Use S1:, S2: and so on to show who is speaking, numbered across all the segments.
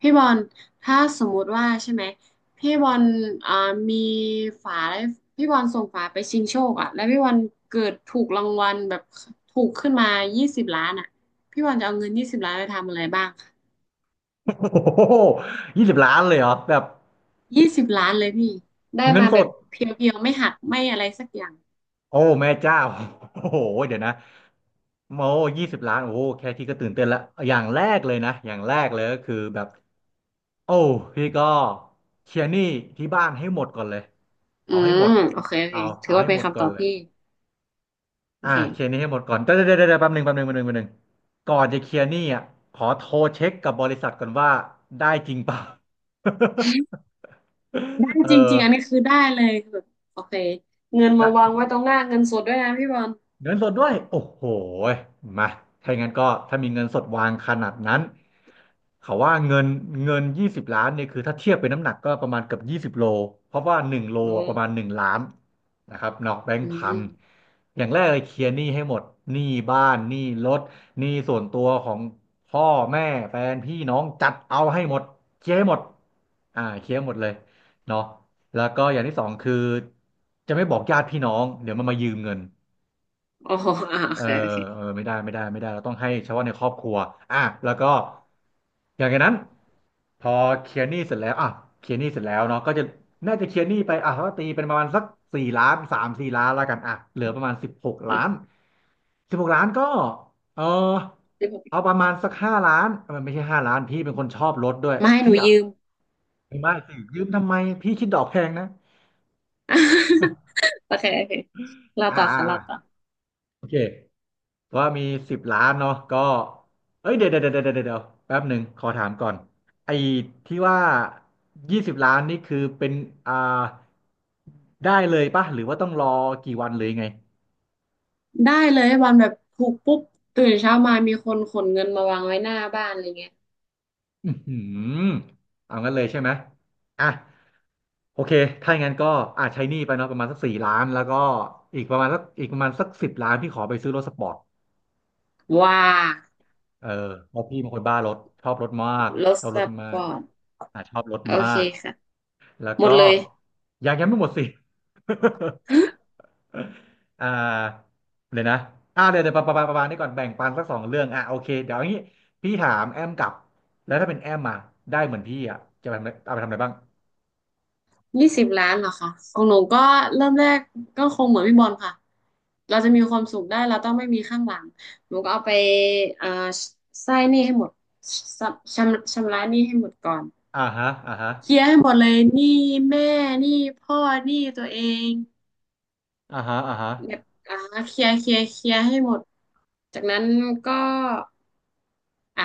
S1: พี่บอลถ้าสมมุติว่าใช่ไหมพี่บอลอ่ามีฝาแล้วพี่บอลส่งฝาไปชิงโชคอ่ะแล้วพี่บอลเกิดถูกรางวัลแบบถูกขึ้นมายี่สิบล้านอ่ะพี่บอลจะเอาเงินยี่สิบล้านไปทำอะไรบ้างคะ
S2: โอ้โหยี่สิบล้านเลยเหรอแบบ
S1: ยี่สิบล้านเลยพี่ได้
S2: เงิน
S1: มา
S2: ส
S1: แบ
S2: ด
S1: บเพียวๆไม่หักไม่อะไรสักอย่าง
S2: โอ้แม่เจ้าโอ้โหเดี๋ยวนะโอ้ยี่สิบล้านโอ้โหแค่ที่ก็ตื่นเต้นและอย่างแรกเลยนะอย่างแรกเลยก็คือแบบโอ้พี่ก็เคลียร์หนี้ที่บ้านให้หมดก่อนเลย
S1: อื
S2: เอาให้หม
S1: ม
S2: ด
S1: โอเคโอเค
S2: เอา
S1: ถือ
S2: เอา
S1: ว่า
S2: ให้
S1: เป็
S2: ห
S1: น
S2: มด
S1: คำ
S2: ก่
S1: ต
S2: อ
S1: อ
S2: น
S1: บ
S2: เลย
S1: ที่โอ
S2: อ่า
S1: เค
S2: เคลียร์หนี้ให้หมดก่อนเดี๋ยวแป๊บหนึ่งแป๊บหนึ่งแป๊บหนึ่งแป๊บหนึ่งก่อนจะเคลียร์หนี้อ่ะขอโทรเช็คกับบริษัทก่อนว่าได้จริงเปล่า
S1: ได้
S2: เอ
S1: จริงๆอันนี้
S2: อ
S1: คือได้เลยคือแบบโอเคเงิน
S2: ได
S1: มาวาง
S2: ้
S1: ไว้ตรงหน้าเงินสดด้วยนะพี่บอล
S2: เงินสดด้วยโอ้โหยมาถ้าอย่างนั้นก็ถ้ามีเงินสดวางขนาดนั้นเขาว่าเงินยี่สิบล้านเนี่ยคือถ้าเทียบเป็นน้ำหนักก็ประมาณเกือบยี่สิบโลเพราะว่าหนึ่งโล
S1: โอ
S2: ประมาณห
S1: ้
S2: นึ่งล้านนะครับนอกแบงค์
S1: อื
S2: พัน
S1: ม
S2: อย่างแรกเลยเคลียร์หนี้ให้หมดหนี้บ้านหนี้รถหนี้ส่วนตัวของพ่อแม่แฟนพี่น้องจัดเอาให้หมดเคลียร์ให้หมดอ่าเคลียร์ให้หมดเลยเนาะแล้วก็อย่างที่สองคือจะไม่บอกญาติพี่น้องเดี๋ยวมันมายืมเงิน
S1: โอ้โหโอ
S2: เออ
S1: เคโอเค
S2: เออไม่ได้ไม่ได้ไม่ได้เราต้องให้เฉพาะในครอบครัวอ่ะแล้วก็อย่างจากนั้นพอเคลียร์หนี้เสร็จแล้วอ่ะเคลียร์หนี้เสร็จแล้วเนาะก็จะน่าจะเคลียร์หนี้ไปอ่ะก็ตีเป็นประมาณสักสี่ล้านสามสี่ล้านแล้วกันอ่ะเหลือประมาณสิบหกล้า
S1: อ่ะ
S2: นสิบหกล้านก็เออ
S1: สิบห
S2: เอา
S1: ก
S2: ประมาณสักห้าล้านเออไม่ใช่ห้าล้านพี่เป็นคนชอบรถด้วย
S1: มาให้ห
S2: พี่
S1: นู
S2: อ่ะ
S1: ยืม
S2: ไม่สิยืมทำไมพี่คิดดอกแพงนะ
S1: โอเคโอเคเรา
S2: อ่า
S1: ต่อ
S2: อ่า
S1: ค่ะเรา
S2: อ่า
S1: ต่อ
S2: โอเค ว่ามีสิบล้านเนาะก็เอ้ยเดี๋ยวเดี๋ยวเดี๋ยวเดี๋ยวเดี๋ยวแป๊บหนึ่งขอถามก่อนไอ้ที่ว่ายี่สิบล้านนี่คือเป็นอ่าได้เลยป่ะหรือว่าต้องรอกี่วันหรือยังไง
S1: ได้เลยวันแบบถูกปุ๊บตื่นเช้ามามีคนขนเงินมาวางไว้หน้าบ้านอะไรเงี้ย
S2: อือหือเอางั้นเลยใช่ไหมอ่ะโอเคถ้าอย่างนั้นก็อาจใช้หนี้ไปเนาะประมาณสักสี่ล้านแล้วก็อีกประมาณสักอีกประมาณสักสิบล้านที่ขอไปซื้อรถสปอร์ต
S1: ว้า
S2: เออเพราะพี่เป็นคนบ้ารถชอบรถมาก
S1: รถ
S2: ชอบ
S1: ส
S2: รถมา
S1: ป
S2: ก
S1: อร์ต
S2: อ่ะชอบรถ
S1: โอ
S2: มา
S1: เค
S2: ก
S1: ค่ะ
S2: แล้ว
S1: หม
S2: ก็
S1: ดเลย
S2: ยังไม่หมดสิ อ่าเลยวนะอ่าเดี๋ยวเดี๋ยวประมาณนี้ก่อนแบ่งปันสักสองเรื่องอ่ะโอเคเดี๋ยวอย่างนี้พี่ถามแอมกลับแล้วถ้าเป็นแอมมาได้เหมือนพี่อ่ะจะไปทำอะไรเอาไปทำอะไรบ้าง
S1: ยี่สิบล้านเหรอคะของหนูก็เริ่มแรกก็คงเหมือนพี่บอลค่ะเราจะมีความสุขได้เราต้องไม่มีข้างหลังหนูก็เอาไปอ่าใช้หนี้ให้หมดชชำระหนี้ให้หมดก่อน
S2: อ่าฮะอ่าฮะ
S1: เคลียร์ให้หมดเลยหนี้แม่หนี้พ่อหนี้ตัวเอง
S2: อ่าฮะอ่าฮะ
S1: แบบอ่าเคลียร์เคลียร์เคลียร์ให้หมดจากนั้นก็อ่ะ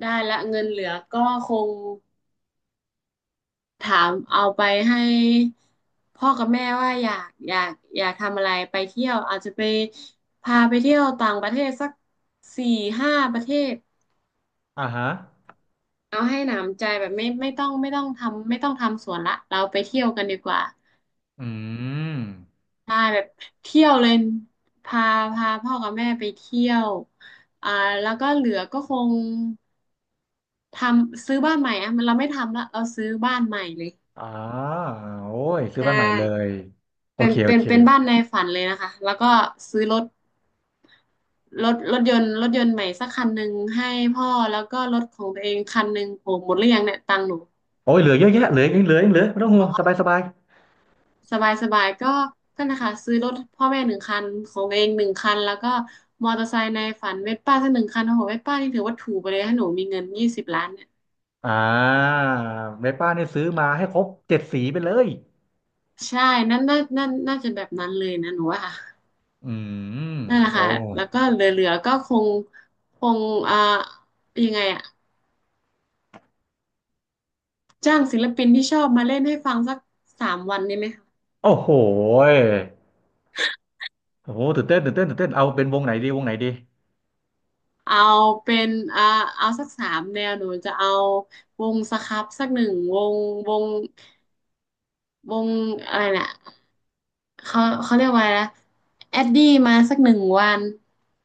S1: ได้ละเงินเหลือก็คงถามเอาไปให้พ่อกับแม่ว่าอยากทำอะไรไปเที่ยวอาจจะไปพาไปเที่ยวต่างประเทศสัก4-5 ประเทศ
S2: อ่าฮะ
S1: เอาให้หนำใจแบบไม่ต้องทำไม่ต้องทำสวนละเราไปเที่ยวกันดีกว่า
S2: อืม
S1: ใช่แบบเที่ยวเลยพาพาพ่อกับแม่ไปเที่ยวอ่าแล้วก็เหลือก็คงทซื้อบ้านใหม่อะมันเราไม่ทำละเราซื้อบ้านใหม่เลย
S2: อ่าโอ้ยซื้อ
S1: ใช่
S2: บ้านใหม่เลยโอเคโอเค
S1: เป็นบ้านในฝันเลยนะคะแล้วก็ซื้อรถรถยนต์ใหม่สักคันหนึ่งให้พ่อแล้วก็รถของตัวเองคันหนึ่งโหหมดหรือยังเนี่ยตังค์หนู
S2: โอ้ยเหลือเยอะแยะเหลือยังเหลือไม่ต้องห่วงสบายสบาย
S1: สบายสบายก็ก็นะคะซื้อรถพ่อแม่หนึ่งคันของตัวเองหนึ่งคันแล้วก็มอเตอร์ไซค์ในฝันเวสป้าสักหนึ่งคันโอ้โหเวสป้านี่ถือว่าถูกไปเลยถ้าหนูมีเงินยี่สิบล้านเนี่ย
S2: อ่าเวป้าเนี่ยซื้อมาให้ครบเจ็ดสีไปเลย
S1: ใช่นั่นน่าจะแบบนั้นเลยนะหนูว่าค่ะ
S2: อืม
S1: นั่นแหละ
S2: โอ้
S1: ค่ะแล้วก็เหลือๆก็คงอ่ายังไงอะจ้างศิลปินที่ชอบมาเล่นให้ฟังสัก3 วันนี้ไหมคะ
S2: โอ้โหยโอ้โหตื่นเต้นตื่นเต้นเอาเป็นวงไหนดี
S1: เอาเป็นอ่าเอาสักสามแนวหนูจะเอาวงสครับสักหนึ่งวงวงวงอะไรนะ เขาเรียกว่าอะไรนะแอดดี้มาสักหนึ่งวัน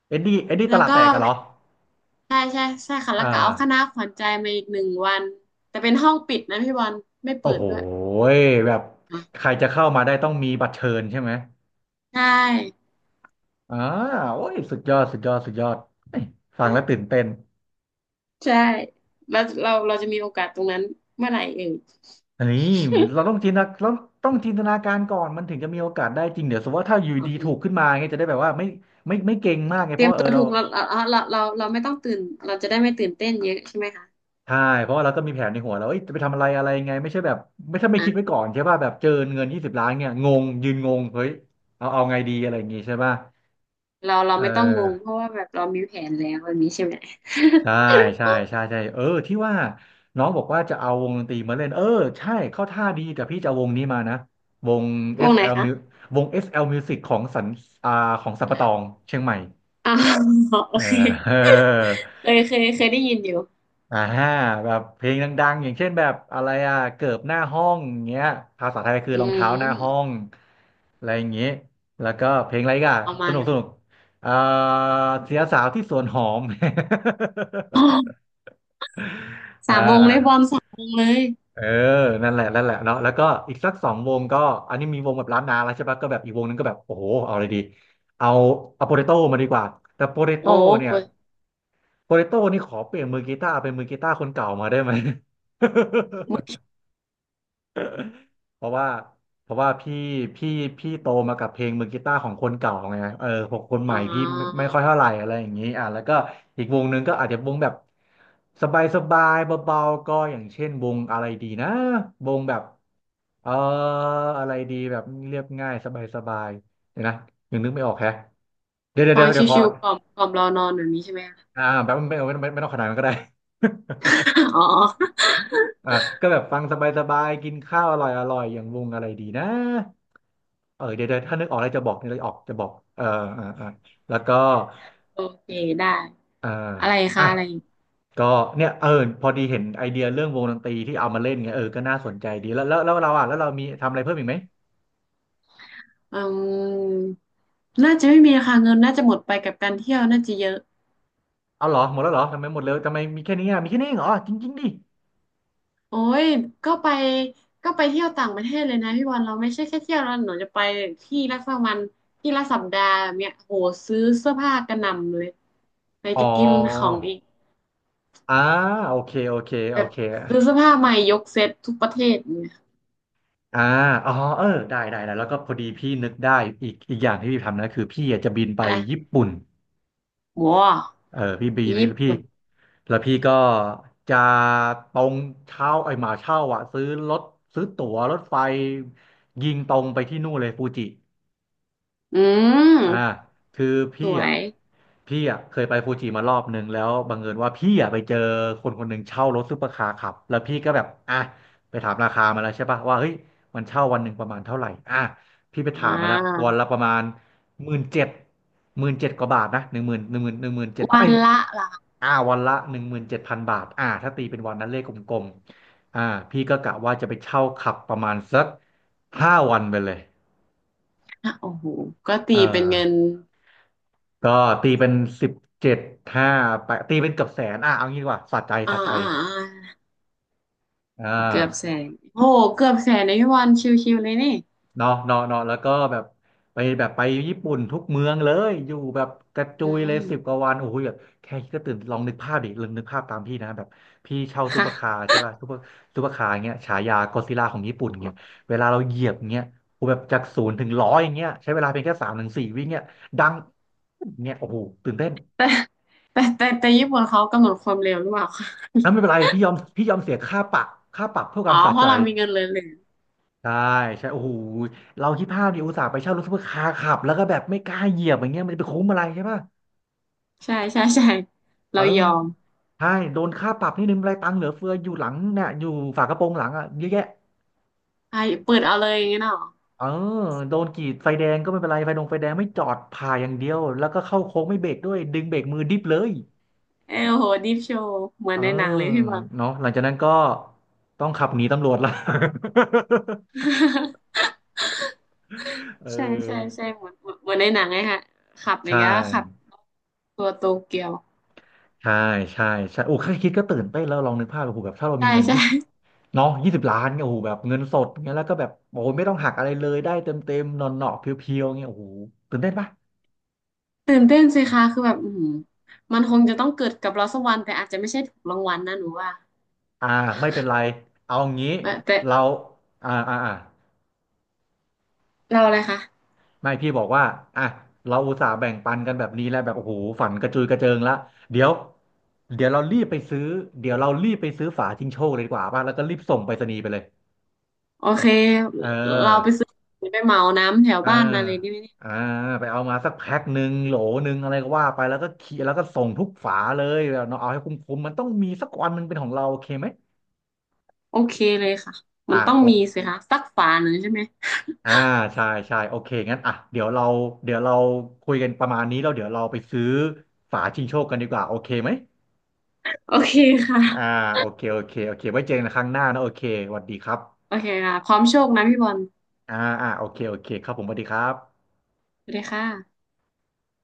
S2: เอ็ดดี้ต
S1: แล้ว
S2: ลาด
S1: ก็
S2: แตกกันเหรอ
S1: ใช่ใช่ใช่ค่ะ
S2: อ่
S1: แล้วก็เอาค
S2: า
S1: ณะขวัญใจมาอีกหนึ่งวันแต่เป็นห้องปิดนะพี่บอลไม่
S2: โอ้
S1: เปิด
S2: โห
S1: ด้วย
S2: ยแบบใครจะเข้ามาได้ต้องมีบัตรเชิญใช่ไหม
S1: ใช่
S2: อ่าโอ้ยสุดยอดเอ้ยฟังแล้วตื่นเต้น
S1: ใช่แล้วเราจะมีโอกาสตรงนั้นเมื่อไหร่เอ่ย
S2: อันนี้เราต้องจินตนาเราต้องจินตนาการก่อนมันถึงจะมีโอกาสได้จริงเดี๋ยวสมมติว่าถ้าอยู่ดีถูก ขึ้นมาเงี้ยจะได้แบบว่าไม่ไม่เก่งมากไง
S1: เต
S2: เพ
S1: รีย
S2: ราะ
S1: ม
S2: ว่าเอ
S1: ตั
S2: อ
S1: ว
S2: เรา
S1: ถูกเราไม่ต้องตื่นเราจะได้ไม่ตื่นเต้นเยอะใช่ไหมคะ
S2: ใช่เพราะว่าเราก็มีแผนในหัวแล้วเอ้ยจะไปทำอะไรอะไรยังไงไม่ใช่แบบไม่ถ้าไม่
S1: อ่
S2: คิดไว้
S1: า
S2: ก่อนใช่ป่ะแบบเจอเงินยี่สิบล้านเนี่ยงงยืนงงเฮ้ยเอาไงดีอะไรอย่างงี้ใช่ป่ะ
S1: เรา
S2: เ
S1: ไม่ต้องงง
S2: ออ
S1: เพราะว่าแบบเรามีแผนแล้วแบบนี้ใช่ไหม
S2: ใช่ใช่เออที่ว่าน้องบอกว่าจะเอาวงดนตรีมาเล่นเออใช่เข้าท่าดีแต่พี่จะเอาวงนี้มานะวง
S1: วงไหน
S2: SL
S1: คะ
S2: Mu วง SL Music ของสันอ่าของสัมปะตองเชียงใหม่
S1: อ๋า โอ
S2: เออ
S1: เค
S2: เออ
S1: เคยได้ยินอยู่
S2: อ่าฮะแบบเพลงดังๆอย่างเช่นแบบอะไรอ่ะเกิบหน้าห้องอย่างเงี้ยภาษาไทยคือ
S1: อื
S2: รองเท้าหน้าห้อ
S1: ม
S2: งอะไรอย่างเงี้ยแล้วก็เพลงอะไรอีกัน
S1: ประ
S2: ส
S1: มาณ
S2: นุกสนุกเอ่อเสียสาวที่สวนหอม
S1: อ๋อ
S2: อ่
S1: สามวงเลยบอม
S2: า
S1: สามวงเลย
S2: เออ นั่นแหละเนาะแล้วก็อีกสักสองวงก็อันนี้มีวงแบบล้านนาแล้วใช่ปะ ก็แบบอีกวงนึงก็แบบโอ้โห เอาอะไรดี เอาเอาโปเตโต้มาดีกว่า แต่โปเต
S1: โอ้
S2: โต้เนี่
S1: ป
S2: ย
S1: วด
S2: โปเตโต้นี่ขอเปลี่ยนมือกีตาร์เป็นมือกีตาร์คนเก่ามาได้ไหม เพราะว่าเพราะว่าพี่พี่โตมากับเพลงมือกีตาร์ของคนเก่าไงเออหกคนให
S1: อ๋
S2: ม่พี่ไม่
S1: อ
S2: ค่อยเท่าไหร่อะไรอย่างนี้อ่ะแล้วก็อีกวงหนึ่งก็อาจจะวงแบบสบายสบายเบาๆก็อย่างเช่นวงอะไรดีนะวงแบบเอออะไรดีแบบเรียบง่ายสบายสบายเดี๋ยวนะยังนึกไม่ออกแฮะ
S1: ฟัง
S2: เดี๋ยวขอ
S1: ชิวๆกล่อมกล่อมรอนอนแบบนี้ใช่ไหมคะ
S2: แบบไม่ต้องขนาดนั้นก็ได้
S1: อ๋อ
S2: อ่าก็แบบฟังสบายๆกินข้าวอร่อยอร่อยอย่างวงอะไรดีนะ เดี๋ยวถ้านึกออกอะไรจะบอกนี่เลยออกจะบอกเออแล้วก็
S1: โอเคได้
S2: เออ
S1: อะไร
S2: อ่ะ
S1: คะอะไรอีก
S2: ก็เนี่ยเออพอดีเห็นไอเดียเรื่องวงดนตรีที่เอามาเล่นไงเออก็น่าสนใจดีแล้วเราอ่ะแล้วเรามีทำอะไรเพิ่มอีกไหม
S1: อืมน่าจะไม่มีคะคะเงินน่าจะหมดไปกับการเที่ยวน่าจะเยอะ
S2: เอาเหรอหมดแล้วเหรอทำไมหมดเลยทำไมมีแค่นี้อ่ะมีแค่นี้เองเหรอจริงๆดิ
S1: โอ้ยก็ไปก็ไปเที่ยวต่างประเทศเลยนะพี่บอลเราไม่ใช่แค่เที่ยวแล้วหนูจะไปที่ละสักวันที่ละสัปดาห์แบบเนี้ยโหซื้อเสื้อผ้ากระหน่ำเลยไหน
S2: อ๋อ
S1: จะกินของอีก
S2: อ่าโอเคโอเค
S1: แบ
S2: โอ
S1: บ
S2: เค
S1: ซื้อเสื้อผ้าใหม่ยกเซ็ตทุกประเทศเนี่ย
S2: อ่าอ๋อเออได้ได้ได้แล้วก็พอดีพี่นึกได้อีกอย่างที่พี่ทำนะคือพี่อยากจะบินไป
S1: อะไร
S2: ญี่ปุ่น
S1: ว้ว
S2: เออพี่บี
S1: ญี่
S2: พี่
S1: ปุ่น
S2: แล้วพี่ก็จะตรงเช่าไอ้ยหมาเช่าอ่ะซื้อรถซื้อตั๋วรถไฟยิงตรงไปที่นู่นเลยฟูจิ
S1: อื
S2: อ่า
S1: ม
S2: คือ
S1: ส
S2: พี่
S1: ว
S2: อ่ะ
S1: ย
S2: พี่อ่ะเคยไปฟูจิมารอบนึงแล้วบังเอิญว่าพี่อ่ะไปเจอคนคนหนึ่งเช่ารถซุปเปอร์คาร์ขับแล้วพี่ก็แบบอ่ะไปถามราคามาแล้วใช่ปะว่าเฮ้ยมันเช่าวันหนึ่งประมาณเท่าไหร่อ่ะพี่ไป
S1: อ่
S2: ถามมาละ
S1: า
S2: วันละประมาณหมื่นเจ็ดหมื่นเจ็ดกว่าบาทนะหนึ่งหมื่นเจ็ด
S1: วั
S2: ไอ้ย
S1: นละล้าน
S2: อ่าวันละหนึ่งหมื่นเจ็ดพันบาทอ่าถ้าตีเป็นวันนั้นเลขกลมๆอ่าพี่ก็กะว่าจะไปเช่าขับประมาณสักห้าวันไปเลย
S1: อะโอ้โหก็
S2: เอ
S1: ตีเป็นเงิน
S2: อ ก็ตีเป็นสิบเจ็ดห้าไปตีเป็นเกือบแสนอ่ะเอางี้ดีกว่าสะใจ
S1: อ่า
S2: สะใจ
S1: อ่าอ่า
S2: อ่
S1: เกือบแส
S2: า
S1: นโอ้โหเกือบแสนในพี่วันชิวๆเลยนี่
S2: เนาะแล้วก็แบบไปญี่ปุ่นทุกเมืองเลยอยู่แบบกระจุ
S1: อื
S2: ยเลย
S1: ม
S2: สิบกว่าวันโอ้โหแบบแค่คิดก็ตื่นลองนึกภาพดิลองนึกภาพตามพี่นะแบบพี่เช่าซู
S1: ค่ะ
S2: เปอร์คาร์ใช่ป่ะซูเปอร์คาร์เงี้ยฉายาก็อดซิลล่าของญี่ปุ่นเงี้ยเวลาเราเหยียบเงี้ยโอ้โหแบบจากศูนย์ถึงร้อยเงี้ยใช้เวลาเพียงแค่สามถึงสี่วิเงี้ยดังเงี้ยโอ้โหตื่นเต้น
S1: แต่แต่ญี่ปุ่นเขากำหนดความเร็วหรือเปล่าคะ
S2: อ่ะไม่เป็นไรพี่ยอมเสียค่าปรับค่าปรับเพื่อค
S1: อ๋อ
S2: วามสะ
S1: เพ
S2: ใจ
S1: ราะเรามีเงินเหลือ
S2: ใช่ใช่โอ้โหเราคี่ภาพดิอุตส่าห์ไปเช่ารถซุปเปอร์คาร์ขับแล้วก็แบบไม่กล้าเหยียบอย่างเงี้ยมันจะไปคุ้มอะไรใช่ป่ะ
S1: ๆใช่ใช่ใช่
S2: เอ
S1: เรา
S2: อ
S1: ยอม
S2: ใช่โดนค่าปรับนี่นึงไรตังค์เหลือเฟืออยู่หลังเนี่ยอยู่ฝากระโปรงหลังอ่ะเยอะแยะ
S1: ไอ้เปิดเอาเลยอย่างงี้เนาะ
S2: เออโดนกรีดไฟแดงก็ไม่เป็นไรไฟดงไฟแดงไม่จอดผ่าอย่างเดียวแล้วก็เข้าโค้งไม่เบรกด้วยดึงเบรกมือดิบเลย
S1: เออโหดิฟโชว์เหมือ
S2: เอ
S1: น
S2: อ
S1: ในหนังเลยพี่บอล
S2: เนาะหลังจากนั้นก็ต้องขับหนีตำรวจละ เ
S1: ใช่ใช่
S2: ออ
S1: ใช่เหมือนในหนังไงฮะขับอย่า
S2: ใช่
S1: งเงี้ยขับตัวโตเกียว
S2: ใช่ใช่ใช่โอ้แค่คิดก็ตื่นเต้นแล้วลองนึกภาพโอ้โหแบบถ้าเรามี
S1: ใช่
S2: เงิน
S1: ใช่
S2: ยี่สิบเนาะยี่สิบล้านเนี่ยโอ้โหแบบเงินสดเงี้ยแล้วก็แบบโอ้โหไม่ต้องหักอะไรเลยได้เต็มหนอนหนอเพียวเพียวๆเงี้ยโอ้โหตื่นเต้นปะ
S1: ตื่นเต้นสิคะคือแบบอือหือมันคงจะต้องเกิดกับเราสักวันแต่อาจจะไม่ใช่ถูกรางวัลนะหนูว่า
S2: อ่าไม่เป็นไรเอางี้
S1: แต่แต่
S2: เราอ่า
S1: เราอะไรคะ
S2: ไม่พี่บอกว่าอ่ะเราอุตส่าห์แบ่งปันกันแบบนี้แล้วแบบโอ้โหฝันกระจุยกระเจิงละเดี๋ยวเดี๋ยวเรารีบไปซื้อเดี๋ยวเรารีบไปซื้อฝาชิงโชคเลยดีกว่าป่ะแล้วก็รีบส่งไปรษณีย์ไปเลย
S1: โอเค
S2: เออ
S1: เราไปซื้อไปเหมาน้ำแถว
S2: อ่า
S1: บ้านมาเลยนี่ไหมเนี่ย
S2: อ่าไปเอามาสักแพ็คหนึ่งโหลหนึ่งอะไรก็ว่าไปแล้วก็เขียแล้วก็ส่งทุกฝาเลยแบบเนาะเอาให้คุ้มๆมันต้องมีสักวันมันเป็นของเราโอเคไหม
S1: โอเคเลยค่ะมั
S2: อ่า
S1: นต้อง
S2: โอ
S1: มีสิคะสักฝาหนึ่งใช่ไหม
S2: อ่าใช่ใช่โอเคงั้นอ่ะเดี๋ยวเราคุยกันประมาณนี้แล้วเดี๋ยวเราไปซื้อฝาชิงโชคกันดีกว่าโอเคไหม
S1: โอเคค่ะ
S2: อ่าโอเคไว้เจอกันครั้งหน้านะโอเคสวัสดีครับ
S1: โอเคค่ะพร้อมโชคนะพี่บอล
S2: อ่าอ่าโอเคโอเคครับผมสวัสดีครับ
S1: สวัสดีค่ะ